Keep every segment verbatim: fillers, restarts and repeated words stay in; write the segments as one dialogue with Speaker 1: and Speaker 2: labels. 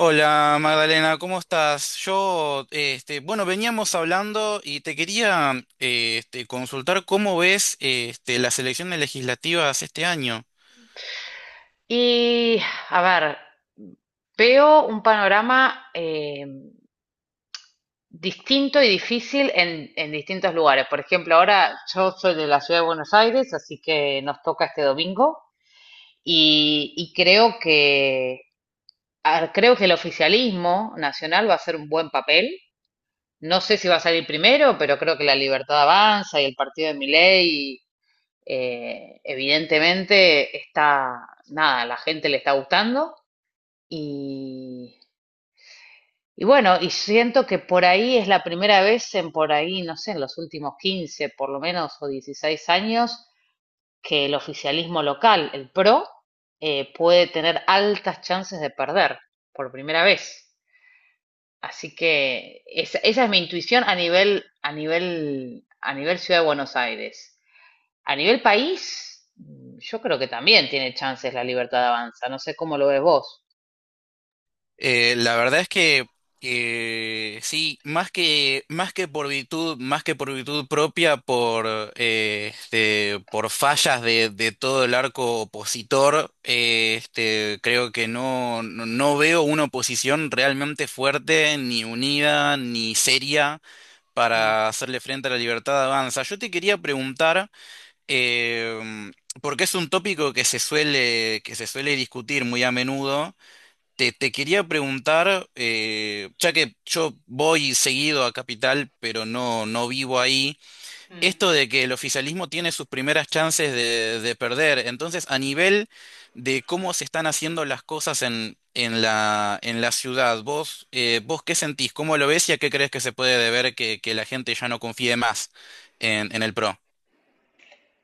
Speaker 1: Hola Magdalena, ¿cómo estás? Yo, este, bueno, veníamos hablando y te quería eh, este, consultar cómo ves eh, este, las elecciones legislativas este año.
Speaker 2: Y, a ver, veo un panorama eh, distinto y difícil en, en distintos lugares. Por ejemplo, ahora yo soy de la Ciudad de Buenos Aires, así que nos toca este domingo y, y creo que a ver, creo que el oficialismo nacional va a hacer un buen papel. No sé si va a salir primero, pero creo que La Libertad Avanza y el partido de Milei, eh, evidentemente, está, nada, la gente le está gustando. Y Y bueno, y siento que por ahí es la primera vez en por ahí, no sé, en los últimos quince por lo menos o dieciséis años, que el oficialismo local, el P R O, eh, puede tener altas chances de perder por primera vez. Así que esa, esa es mi intuición a nivel, a nivel, a nivel Ciudad de Buenos Aires. A nivel país, mm, yo creo que también tiene chances La Libertad Avanza. No sé cómo lo ves vos.
Speaker 1: Eh, la verdad es que eh, sí, más que, más que por virtud, más que por virtud propia, por, eh, este, por fallas de, de todo el arco opositor, eh, este, creo que no, no no veo una oposición realmente fuerte, ni unida, ni seria,
Speaker 2: Mm.
Speaker 1: para hacerle frente a la libertad de avanza. Yo te quería preguntar, eh, porque es un tópico que se suele, que se suele discutir muy a menudo, te, te quería preguntar, eh, ya que yo voy seguido a Capital, pero no, no vivo ahí,
Speaker 2: Mm.
Speaker 1: esto de que el oficialismo tiene sus primeras chances de, de perder. Entonces, a nivel de cómo se están haciendo las cosas en, en la, en la ciudad, vos, eh, vos qué sentís, cómo lo ves y a qué crees que se puede deber que, que la gente ya no confíe más en, en el PRO.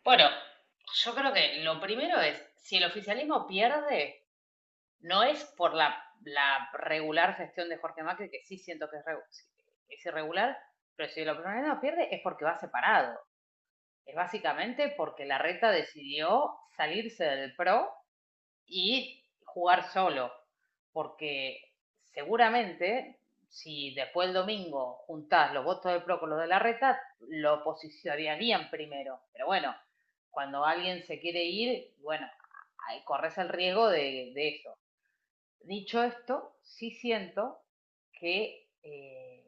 Speaker 2: Bueno, yo creo que lo primero es, si el oficialismo pierde, no es por la, la regular gestión de Jorge Macri, que sí siento que es, re- es irregular, pero si el oficialismo pierde es porque va separado. Es básicamente porque la reta decidió salirse del P R O y jugar solo, porque seguramente si después el domingo juntás los votos de P R O con los de la reta, lo posicionarían primero. Pero bueno, cuando alguien se quiere ir, bueno, corres el riesgo de, de, eso. Dicho esto, sí siento que eh,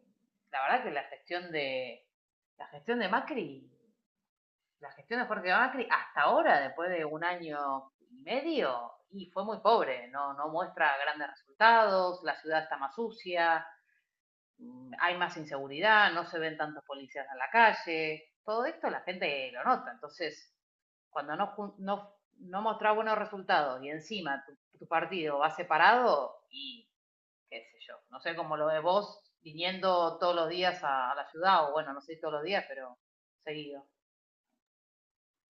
Speaker 2: la verdad que la gestión de la gestión de Macri la gestión de Jorge Macri hasta ahora, después de un año y medio, y fue muy pobre, no, no muestra grandes resultados, la ciudad está más sucia, mm, hay más inseguridad, no se ven tantos policías en la calle, todo esto la gente lo nota, entonces cuando no, no, no mostras buenos resultados y encima tu, tu, partido va separado y qué sé yo, no sé cómo lo ves vos viniendo todos los días a, a la ciudad, o bueno, no sé si todos los días, pero seguido.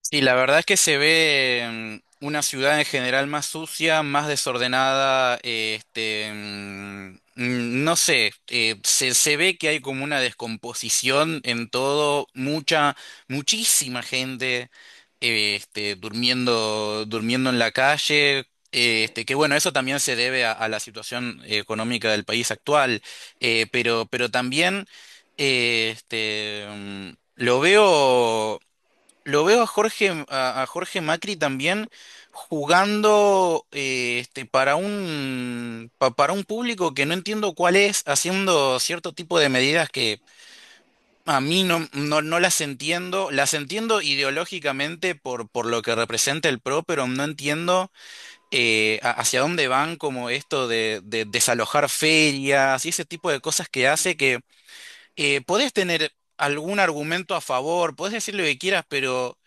Speaker 1: Sí, la verdad es que se ve mm, una ciudad en general más sucia, más desordenada, eh, este, mm, mm, no sé, eh, se, se ve que hay como una descomposición en todo, mucha, muchísima gente, eh, este, durmiendo, durmiendo en la calle. Eh, Este, que bueno, eso también se debe a, a la situación económica del país actual, eh, pero, pero también eh, este, mm, lo veo. Lo veo a Jorge, a, a Jorge Macri también jugando eh, este, para un, pa- para un público que no entiendo cuál es, haciendo cierto tipo de medidas que a mí no, no, no las entiendo. Las entiendo ideológicamente por, por lo que representa el PRO, pero no entiendo eh, a- hacia dónde van como esto de, de desalojar ferias y ese tipo de cosas que hace eh, podés tener algún argumento a favor, podés decir lo que quieras, pero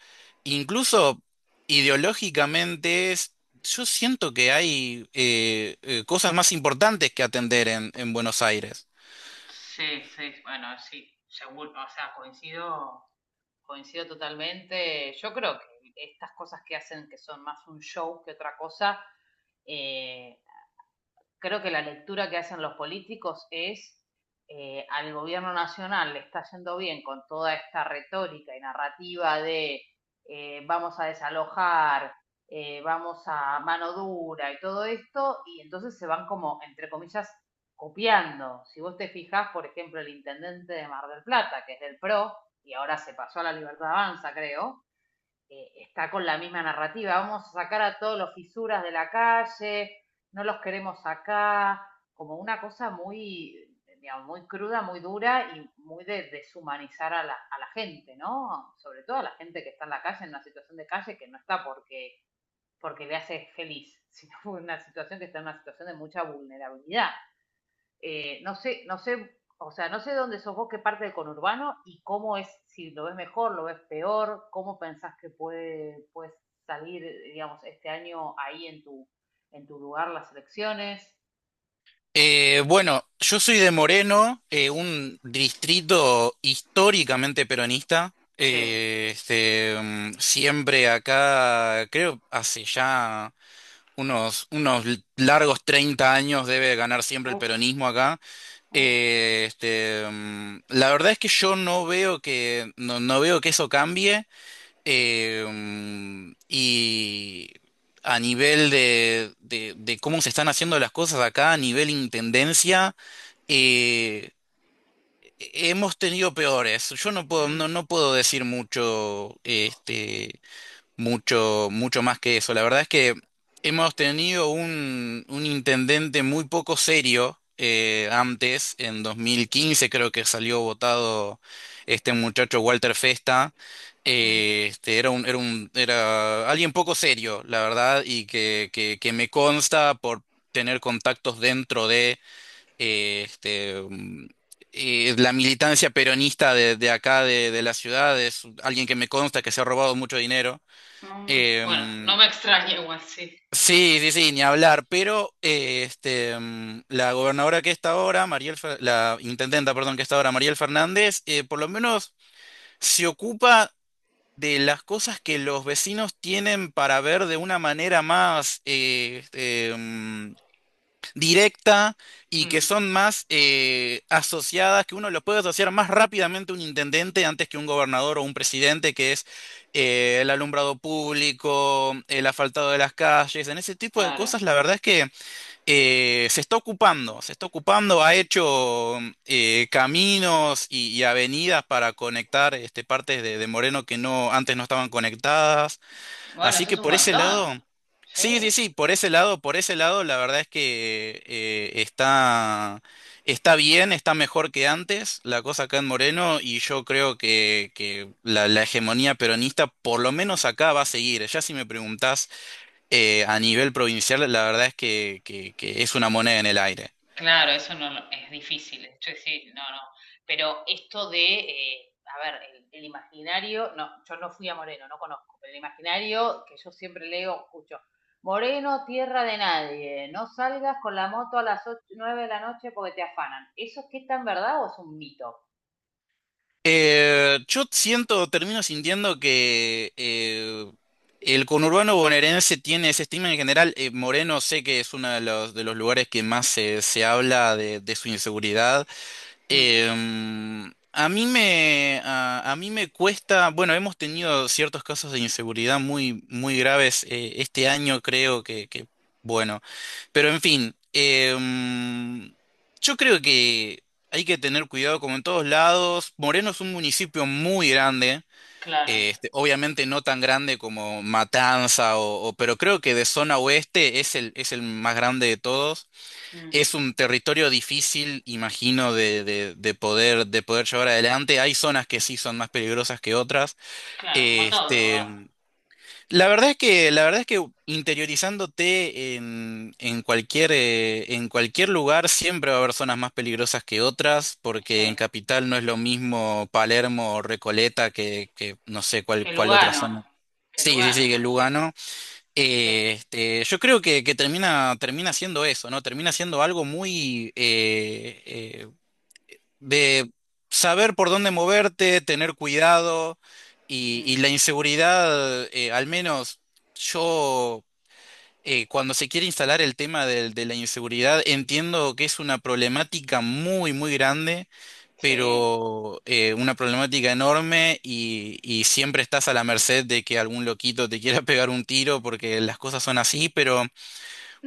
Speaker 1: incluso ideológicamente es- yo siento que hay eh, eh, cosas más importantes que atender en, en Buenos Aires.
Speaker 2: Sí, sí, bueno, sí, seguro, o sea, coincido, coincido totalmente. Yo creo que estas cosas que hacen que son más un show que otra cosa, eh, creo que la lectura que hacen los políticos es eh, al gobierno nacional le está yendo bien con toda esta retórica y narrativa de eh, vamos a desalojar, eh, vamos a mano dura y todo esto, y entonces se van como, entre comillas, copiando. Si vos te fijás, por ejemplo, el intendente de Mar del Plata, que es del P R O, y ahora se pasó a La Libertad Avanza, creo, eh, está con la misma narrativa. Vamos a sacar a todos los fisuras de la calle, no los queremos acá, como una cosa muy, digamos, muy cruda, muy dura y muy de deshumanizar a la, a la gente, ¿no? Sobre todo a la gente que está en la calle, en una situación de calle que no está porque, porque le hace feliz, sino una situación que está en una situación de mucha vulnerabilidad eh, no sé, no sé, o sea, no sé dónde sos vos, qué parte del conurbano y cómo es, si lo ves mejor, lo ves peor, cómo pensás que puede, puede salir, digamos, este año ahí en tu, en tu lugar las elecciones.
Speaker 1: Eh, bueno, yo soy de Moreno, eh, un distrito históricamente peronista.
Speaker 2: Sí.
Speaker 1: Eh, este, mm, siempre acá, creo, hace ya unos, unos largos treinta años debe ganar siempre el
Speaker 2: Uff.
Speaker 1: peronismo acá.
Speaker 2: Uf.
Speaker 1: Eh, este, mm, la verdad es que yo no veo que no, no veo que eso cambie eh, mm, y a nivel de, de, de cómo se están haciendo las cosas acá, a nivel intendencia, eh, hemos tenido peores. Yo no puedo
Speaker 2: Mm,
Speaker 1: no, no puedo decir mucho este mucho, mucho más que eso. La verdad es que hemos tenido un, un intendente muy poco serio eh, antes, en dos mil quince creo que salió votado este muchacho Walter Festa.
Speaker 2: mm,
Speaker 1: Eh, este, era un, era un, era alguien poco serio, la verdad, y que, que, que me consta por tener contactos dentro de eh, este, mm, eh, la militancia peronista de, de acá, de, de la ciudad, es alguien que me consta que se ha robado mucho dinero.
Speaker 2: mm. Bueno, no
Speaker 1: Em,
Speaker 2: me extraña igual, sí.
Speaker 1: sí, sí, sí, ni hablar, pero eh, este, mm, la gobernadora que está ahora, Mariel, Fer- la intendenta, perdón, que está ahora, Mariel Fernández, eh, por lo menos se ocupa de las cosas que los vecinos tienen para ver de una manera más, eh, este, em, directa y que
Speaker 2: Mm.
Speaker 1: son más eh, asociadas, que uno lo puede asociar más rápidamente a un intendente antes que un gobernador o un presidente, que es eh, el alumbrado público, el asfaltado de las calles, en ese tipo de
Speaker 2: Claro.
Speaker 1: cosas, la verdad es que eh, se está ocupando, se está ocupando, ha hecho eh, caminos y, y avenidas para conectar este, partes de, de Moreno que no, antes no estaban conectadas.
Speaker 2: Bueno,
Speaker 1: Así
Speaker 2: eso es
Speaker 1: que
Speaker 2: un
Speaker 1: por ese
Speaker 2: montón.
Speaker 1: lado, sí, sí,
Speaker 2: Sí.
Speaker 1: sí, por ese lado, por ese lado, la verdad es que eh, está, está bien, está mejor que antes la cosa acá en Moreno y yo creo que, que la, la hegemonía peronista por lo menos acá va a seguir. Ya si me preguntás eh, a nivel provincial, la verdad es que, que que es una moneda en el aire.
Speaker 2: Claro, eso no lo- es difícil. Esto es sí, no, no. Pero esto de, eh, a ver, el, el imaginario, no, yo no fui a Moreno, no conozco, pero el imaginario que yo siempre leo, escucho, Moreno, tierra de nadie, no salgas con la moto a las ocho, nueve de la noche porque te afanan. ¿Eso es que tan verdad o es un mito?
Speaker 1: Eh, yo siento, termino sintiendo que eh, el conurbano bonaerense tiene ese estigma en general. Eh, Moreno sé que es uno de los, de los lugares que más se, se habla de, de su inseguridad.
Speaker 2: Mm,
Speaker 1: Em, a mí me, a, a mí me cuesta, bueno, hemos tenido ciertos casos de inseguridad muy, muy graves eh, este año, creo que, que, bueno, pero en fin, em, yo creo que hay que tener cuidado como en todos lados. Moreno es un municipio muy grande,
Speaker 2: claro,
Speaker 1: eh, este, obviamente no tan grande como Matanza, o, o- pero creo que de zona oeste es el, es el más grande de todos.
Speaker 2: mm,
Speaker 1: Es un territorio difícil, imagino, de, de- de poder, de poder llevar adelante. Hay zonas que sí son más peligrosas que otras.
Speaker 2: claro, como todo va.
Speaker 1: Este, la verdad es que, la verdad es que interiorizándote en, en cualquier, eh, en cualquier lugar siempre va a haber zonas más peligrosas que otras,
Speaker 2: Sí.
Speaker 1: porque en Capital no es lo mismo Palermo o Recoleta que, que no sé cuál,
Speaker 2: Que
Speaker 1: cuál otra
Speaker 2: Lugano,
Speaker 1: zona.
Speaker 2: que
Speaker 1: Sí, sí,
Speaker 2: Lugano,
Speaker 1: sí, que
Speaker 2: por ejemplo.
Speaker 1: Lugano.
Speaker 2: Sí,
Speaker 1: Eh, este, yo creo que, que termina, termina siendo eso, ¿no? Termina siendo algo muy eh, eh, de saber por dónde moverte, tener cuidado y,
Speaker 2: mm,
Speaker 1: y la inseguridad, eh, al menos yo, eh, cuando se quiere instalar el tema del- de, la inseguridad, entiendo que es una problemática muy, muy grande
Speaker 2: sí.
Speaker 1: pero eh, una problemática enorme y, y siempre estás a la merced de que algún loquito te quiera pegar un tiro porque las cosas son así, pero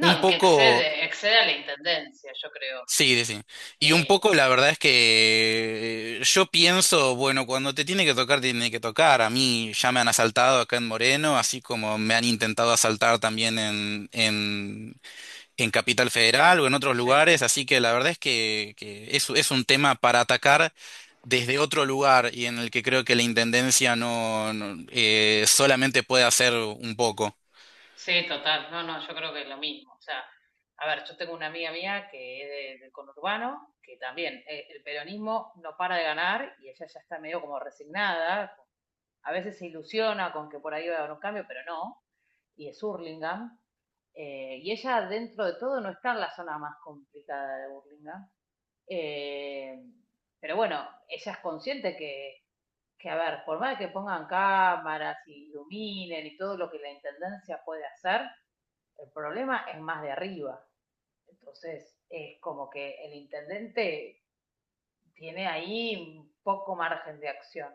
Speaker 1: un
Speaker 2: y que
Speaker 1: poco,
Speaker 2: excede, excede a la intendencia, yo creo,
Speaker 1: sí, sí, sí. Y un
Speaker 2: eh,
Speaker 1: poco la verdad es que eh, yo pienso, bueno, cuando te tiene que tocar, te tiene que tocar. A mí ya me han asaltado acá en Moreno, así como me han intentado asaltar también en, en en
Speaker 2: en
Speaker 1: Capital
Speaker 2: capital.
Speaker 1: Federal o en otros
Speaker 2: Sí,
Speaker 1: lugares, así que la verdad es que, que es, es un tema para atacar desde otro lugar y en el que creo que la intendencia no, no, eh, solamente puede hacer un poco.
Speaker 2: sí, total. No, no, yo creo que es lo mismo. O sea, a ver, yo tengo una amiga mía que es de- del conurbano, que también eh, el peronismo no para de ganar y ella ya está medio como resignada. A veces se ilusiona con que por ahí va a haber un cambio, pero no. Y es Hurlingham. Eh, y ella, dentro de todo, no está en la zona más complicada de Burlingame. Eh, pero bueno, ella es consciente que, que, a ver, por más que pongan cámaras y iluminen y todo lo que la intendencia puede hacer, el problema es más de arriba. Entonces, es como que el intendente tiene ahí un poco margen de acción.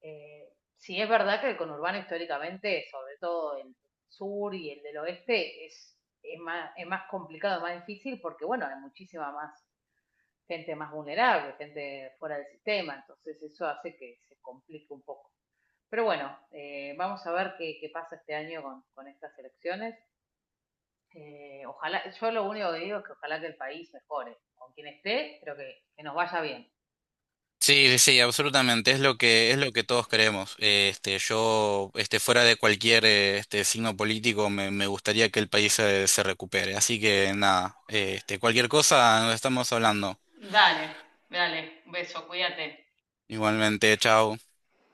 Speaker 2: Eh, sí es verdad que el conurbano históricamente, sobre todo el sur y el del oeste, es, es, más, es más complicado, más difícil, porque bueno, hay muchísima más gente más vulnerable, gente fuera del sistema, entonces eso hace que se complique un poco. Pero bueno, eh, vamos a ver qué, qué, pasa este año con, con estas elecciones. Eh, ojalá, yo lo único que digo es que ojalá que el país mejore, con quien esté, pero que, que nos vaya bien.
Speaker 1: Sí, sí, sí, absolutamente. Es lo que es lo que todos creemos. Eh, Este, yo, este, fuera de cualquier eh, este signo político, me, me gustaría que el país se, se recupere. Así que nada, eh, este, cualquier cosa, nos estamos hablando.
Speaker 2: Dale, dale, un beso, cuídate.
Speaker 1: Igualmente, chao.